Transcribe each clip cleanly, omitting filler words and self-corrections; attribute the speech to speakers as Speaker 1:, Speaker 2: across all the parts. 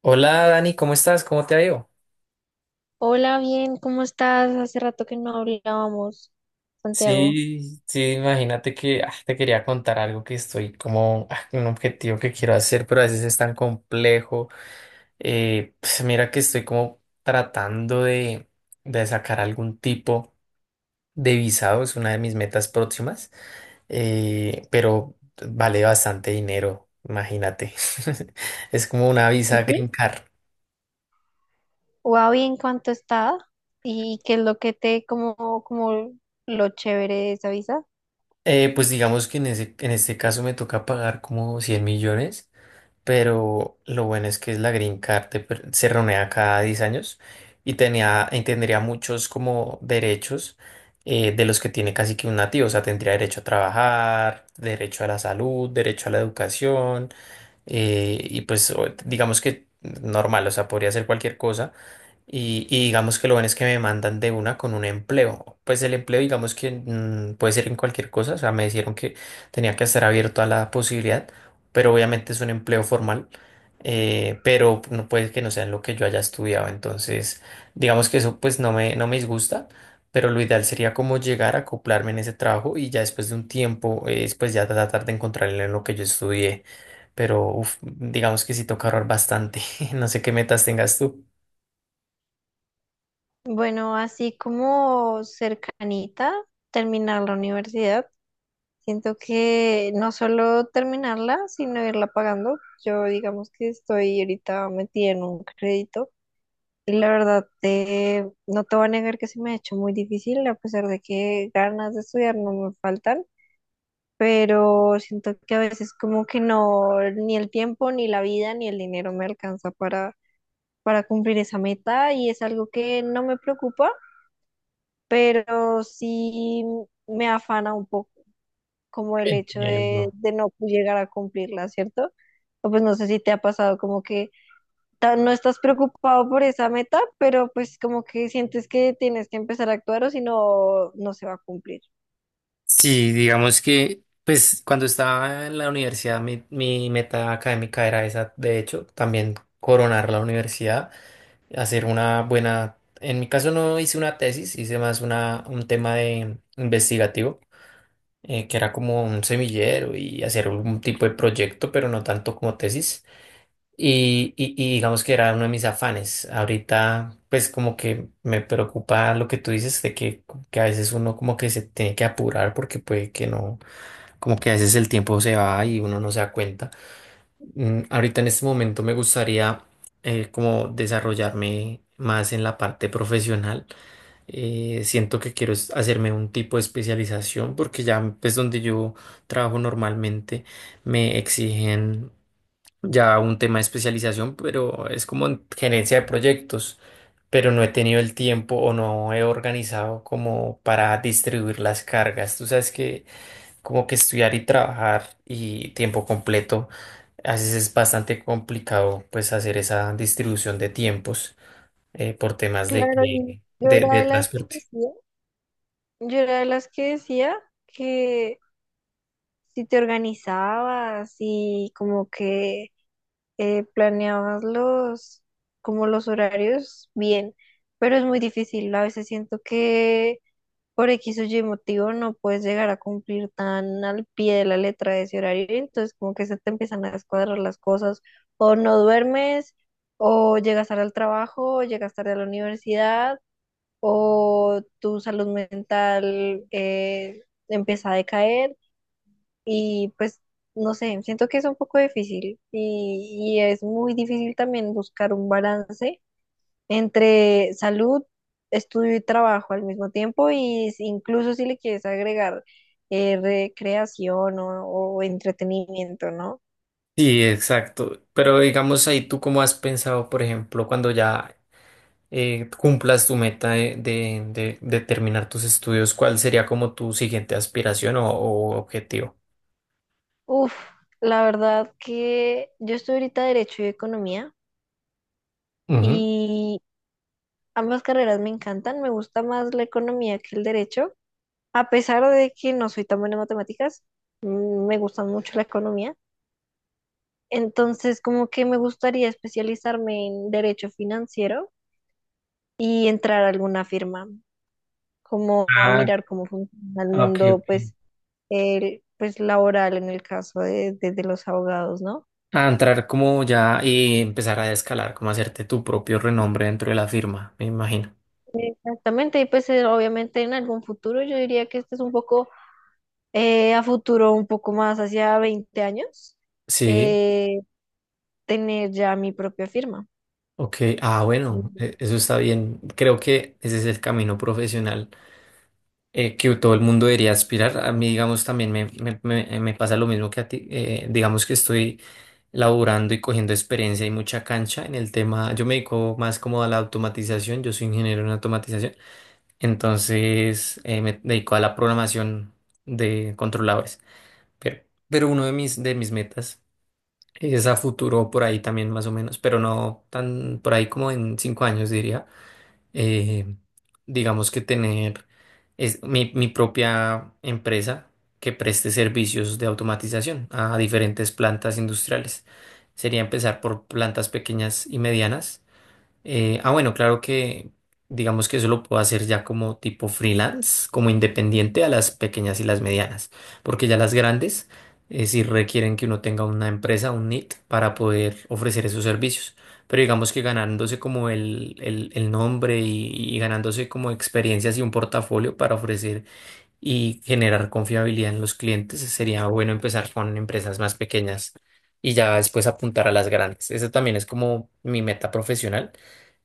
Speaker 1: Hola Dani, ¿cómo estás? ¿Cómo te ha ido?
Speaker 2: Hola, bien, ¿cómo estás? Hace rato que no hablábamos, Santiago.
Speaker 1: Sí, sí, imagínate que te quería contar algo que estoy como un objetivo que quiero hacer, pero a veces es tan complejo. Pues mira que estoy como tratando de sacar algún tipo de visado, es una de mis metas próximas, pero vale bastante dinero, imagínate. Es como una
Speaker 2: Sí,
Speaker 1: visa Green Card.
Speaker 2: wow, bien, ¿cuánto está? ¿Y qué es lo que te, como, como lo chévere de esa visa?
Speaker 1: Pues digamos que en este caso me toca pagar como 100 millones. Pero lo bueno es que es la Green Card se renueva cada 10 años y y tendría muchos como derechos de los que tiene casi que un nativo, o sea, tendría derecho a trabajar, derecho a la salud, derecho a la educación. Y pues digamos que normal, o sea, podría hacer cualquier cosa. Y digamos que lo bueno es que me mandan de una con un empleo. Pues el empleo, digamos que puede ser en cualquier cosa. O sea, me dijeron que tenía que estar abierto a la posibilidad, pero obviamente es un empleo formal. Pero no puede que no sea en lo que yo haya estudiado. Entonces, digamos que eso pues no me disgusta, pero lo ideal sería como llegar a acoplarme en ese trabajo y ya después de un tiempo, pues ya tratar de encontrarle en lo que yo estudié. Pero uf, digamos que sí toca ahorrar bastante. No sé qué metas tengas tú.
Speaker 2: Bueno, así como cercanita, terminar la universidad. Siento que no solo terminarla, sino irla pagando. Yo digamos que estoy ahorita metida en un crédito. Y la verdad, no te voy a negar que se me ha hecho muy difícil, a pesar de que ganas de estudiar no me faltan, pero siento que a veces como que no, ni el tiempo, ni la vida, ni el dinero me alcanza para cumplir esa meta, y es algo que no me preocupa, pero sí me afana un poco como el hecho
Speaker 1: Bien, no.
Speaker 2: de no llegar a cumplirla, ¿cierto? O pues no sé si te ha pasado como que no estás preocupado por esa meta, pero pues como que sientes que tienes que empezar a actuar o si no, no se va a cumplir.
Speaker 1: Sí, digamos que, pues cuando estaba en la universidad, mi meta académica era esa, de hecho, también coronar la universidad, hacer una buena, en mi caso no hice una tesis, hice más un tema de investigativo, que era como un semillero y hacer un tipo de proyecto, pero no tanto como tesis. Y digamos que era uno de mis afanes. Ahorita, pues como que me preocupa lo que tú dices que a veces uno como que se tiene que apurar porque puede que no, como que a veces el tiempo se va y uno no se da cuenta. Ahorita en este momento me gustaría como desarrollarme más en la parte profesional. Siento que quiero hacerme un tipo de especialización porque ya pues donde yo trabajo normalmente me exigen ya un tema de especialización, pero es como en gerencia de proyectos. Pero no he tenido el tiempo o no he organizado como para distribuir las cargas. Tú sabes que como que estudiar y trabajar y tiempo completo, a veces es bastante complicado pues hacer esa distribución de tiempos, por temas
Speaker 2: Claro, y yo era
Speaker 1: de
Speaker 2: de las que
Speaker 1: transporte.
Speaker 2: decía, yo era de las que decía que si te organizabas y como que planeabas los, como los horarios bien, pero es muy difícil. A veces siento que por X o Y motivo no puedes llegar a cumplir tan al pie de la letra de ese horario, y entonces como que se te empiezan a descuadrar las cosas, o no duermes, o llegas tarde al trabajo, o llegas tarde a la universidad, o tu salud mental empieza a decaer, y pues no sé, siento que es un poco difícil, y, es muy difícil también buscar un balance entre salud, estudio y trabajo al mismo tiempo, y incluso si le quieres agregar recreación o entretenimiento, ¿no?
Speaker 1: Sí, exacto. Pero digamos ahí, ¿tú cómo has pensado, por ejemplo, cuando ya cumplas tu meta de terminar tus estudios, cuál sería como tu siguiente aspiración o objetivo?
Speaker 2: Uf, la verdad que yo estoy ahorita Derecho y Economía
Speaker 1: Ujú.
Speaker 2: y ambas carreras me encantan, me gusta más la economía que el derecho, a pesar de que no soy tan buena en matemáticas, mm, me gusta mucho la economía. Entonces, como que me gustaría especializarme en derecho financiero y entrar a alguna firma, como a
Speaker 1: Ah,
Speaker 2: mirar cómo funciona el
Speaker 1: ok,
Speaker 2: mundo,
Speaker 1: ok.
Speaker 2: pues, el, pues laboral en el caso de, de los abogados, ¿no?
Speaker 1: A entrar como ya y empezar a escalar, como hacerte tu propio renombre dentro de la firma, me imagino.
Speaker 2: Exactamente, y pues obviamente en algún futuro, yo diría que este es un poco, a futuro, un poco más hacia 20 años,
Speaker 1: Sí,
Speaker 2: eh, tener ya mi propia firma.
Speaker 1: ok. Ah, bueno,
Speaker 2: Ujú.
Speaker 1: eso está bien. Creo que ese es el camino profesional que todo el mundo debería aspirar. A mí, digamos, también me pasa lo mismo que a ti. Digamos que estoy laborando y cogiendo experiencia y mucha cancha en el tema. Yo me dedico más como a la automatización. Yo soy ingeniero en automatización. Entonces, me dedico a la programación de controladores. Pero, pero uno de mis metas es a futuro por ahí también más o menos, pero no tan por ahí como en 5 años diría. eh, digamos que tener mi propia empresa que preste servicios de automatización a diferentes plantas industriales. Sería empezar por plantas pequeñas y medianas. Bueno, claro que digamos que eso lo puedo hacer ya como tipo freelance, como independiente a las pequeñas y las medianas, porque ya las grandes sí requieren que uno tenga una empresa, un NIT, para poder ofrecer esos servicios. Pero digamos que ganándose como el nombre y ganándose como experiencias y un portafolio para ofrecer y generar confiabilidad en los clientes, sería bueno empezar con empresas más pequeñas y ya después apuntar a las grandes. Esa también es como mi meta profesional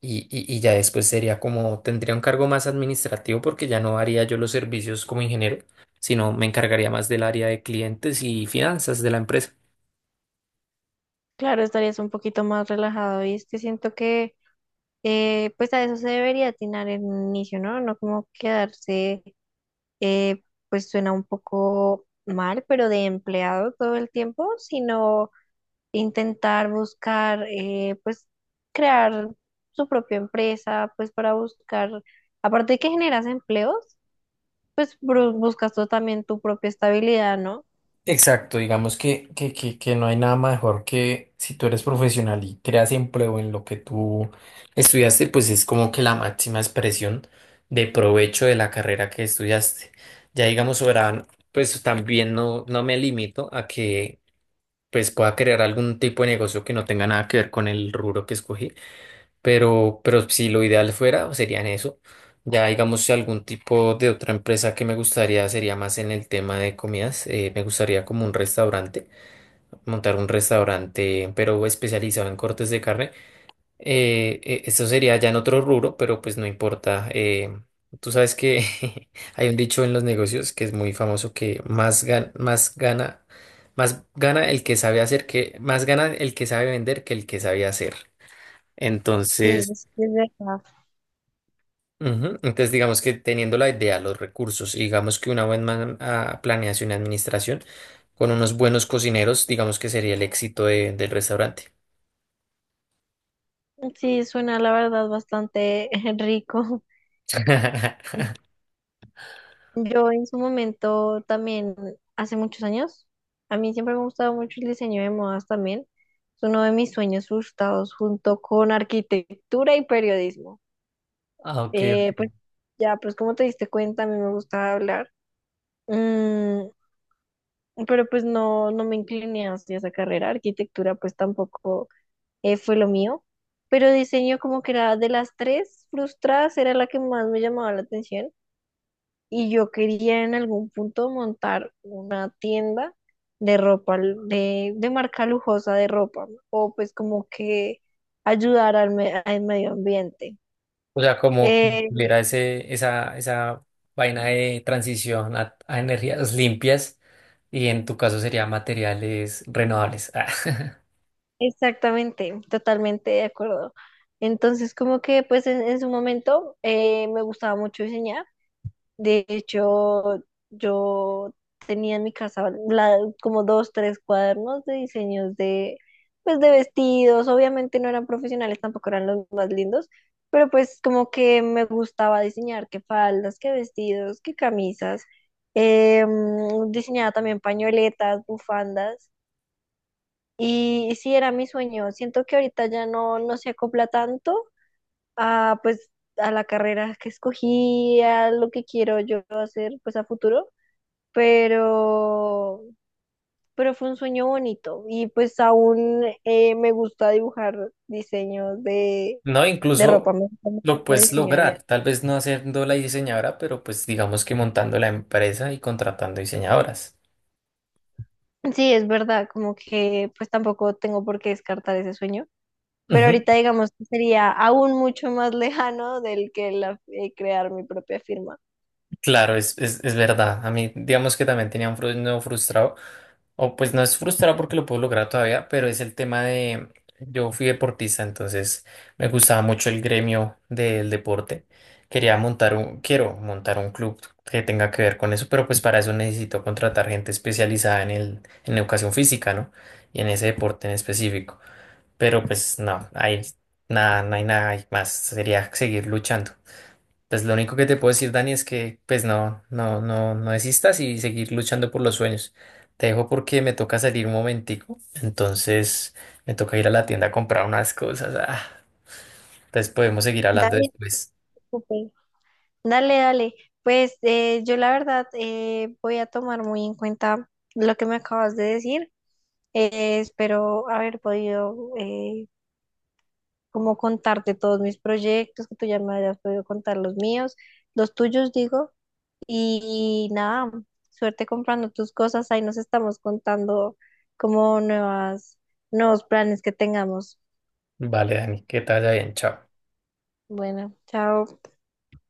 Speaker 1: y ya después sería como, tendría un cargo más administrativo porque ya no haría yo los servicios como ingeniero, sino me encargaría más del área de clientes y finanzas de la empresa.
Speaker 2: Claro, estarías un poquito más relajado, y es que siento que pues a eso se debería atinar en un inicio, ¿no? No como quedarse, eh, pues suena un poco mal, pero de empleado todo el tiempo, sino intentar buscar, pues crear su propia empresa, pues para buscar, aparte de que generas empleos, pues buscas tú también tu propia estabilidad, ¿no?
Speaker 1: Exacto, digamos que no hay nada mejor que si tú eres profesional y creas empleo en lo que tú estudiaste, pues es como que la máxima expresión de provecho de la carrera que estudiaste. Ya digamos, soberano, pues también no me limito a que pues pueda crear algún tipo de negocio que no tenga nada que ver con el rubro que escogí, pero si lo ideal fuera, serían eso. Ya digamos, si algún tipo de otra empresa que me gustaría sería más en el tema de comidas, me gustaría como un restaurante, montar un restaurante, pero especializado en cortes de carne. Esto sería ya en otro rubro, pero pues no importa. Tú sabes que hay un dicho en los negocios que es muy famoso que más gana el que sabe hacer más gana el que sabe vender que el que sabe hacer.
Speaker 2: Sí,
Speaker 1: Entonces,
Speaker 2: es verdad.
Speaker 1: ujú, entonces digamos que teniendo la idea, los recursos, y digamos que una buena planeación y administración con unos buenos cocineros, digamos que sería el éxito del restaurante.
Speaker 2: Sí, suena la verdad bastante rico. Yo en su momento también, hace muchos años, a mí siempre me ha gustado mucho el diseño de modas también. Es uno de mis sueños frustrados junto con arquitectura y periodismo.
Speaker 1: Ah, ok.
Speaker 2: Pues ya, pues como te diste cuenta, a mí me gustaba hablar. Mm, pero pues no, no me incliné hacia esa carrera. Arquitectura pues tampoco fue lo mío. Pero diseño como que era de las tres frustradas, era la que más me llamaba la atención. Y yo quería en algún punto montar una tienda de ropa, de marca lujosa de ropa, ¿no? O pues como que ayudar al, al medio ambiente.
Speaker 1: O sea, como que
Speaker 2: Eh,
Speaker 1: tuviera ese, esa vaina de transición a energías limpias y en tu caso sería materiales renovables. Ah,
Speaker 2: Exactamente, totalmente de acuerdo. Entonces, como que pues en su momento me gustaba mucho diseñar. De hecho, yo tenía en mi casa como 2, 3 cuadernos de diseños de, pues, de vestidos. Obviamente no eran profesionales, tampoco eran los más lindos, pero pues como que me gustaba diseñar qué faldas, qué vestidos, qué camisas. Diseñaba también pañoletas, bufandas. Y sí, era mi sueño. Siento que ahorita ya no, no se acopla tanto a, pues, a la carrera que escogí, a lo que quiero yo hacer, pues, a futuro, pero, pero fue un sueño bonito, y pues aún me gusta dibujar diseños
Speaker 1: no,
Speaker 2: de
Speaker 1: incluso
Speaker 2: ropa, me gusta mucho
Speaker 1: lo
Speaker 2: el
Speaker 1: puedes
Speaker 2: diseño de moda.
Speaker 1: lograr, tal vez no haciendo la diseñadora, pero pues digamos que montando la empresa y contratando diseñadoras.
Speaker 2: Sí, es verdad, como que pues tampoco tengo por qué descartar ese sueño, pero
Speaker 1: Ujú,
Speaker 2: ahorita digamos que sería aún mucho más lejano del que la, crear mi propia firma.
Speaker 1: claro, es verdad. A mí, digamos que también tenía un no frustrado. O pues no es frustrado porque lo puedo lograr todavía, pero es el tema de, yo fui deportista, entonces me gustaba mucho el gremio del deporte. Quiero montar un club que tenga que ver con eso, pero pues para eso necesito contratar gente especializada en en educación física, ¿no? Y en ese deporte en específico. Pero pues no hay nada, no hay nada más. Sería seguir luchando. Pues lo único que te puedo decir, Dani, es que pues no desistas y seguir luchando por los sueños. Te dejo porque me toca salir un momentico, entonces me toca ir a la tienda a comprar unas cosas. Ah, entonces podemos seguir hablando
Speaker 2: Dale,
Speaker 1: después.
Speaker 2: súper. Dale, dale. Pues yo la verdad, voy a tomar muy en cuenta lo que me acabas de decir. Espero haber podido, como contarte todos mis proyectos, que tú ya me hayas podido contar los míos, los tuyos digo. Y, nada, suerte comprando tus cosas. Ahí nos estamos contando como nuevas, nuevos planes que tengamos.
Speaker 1: Vale, Dani, que te vaya bien, chao.
Speaker 2: Bueno, chao.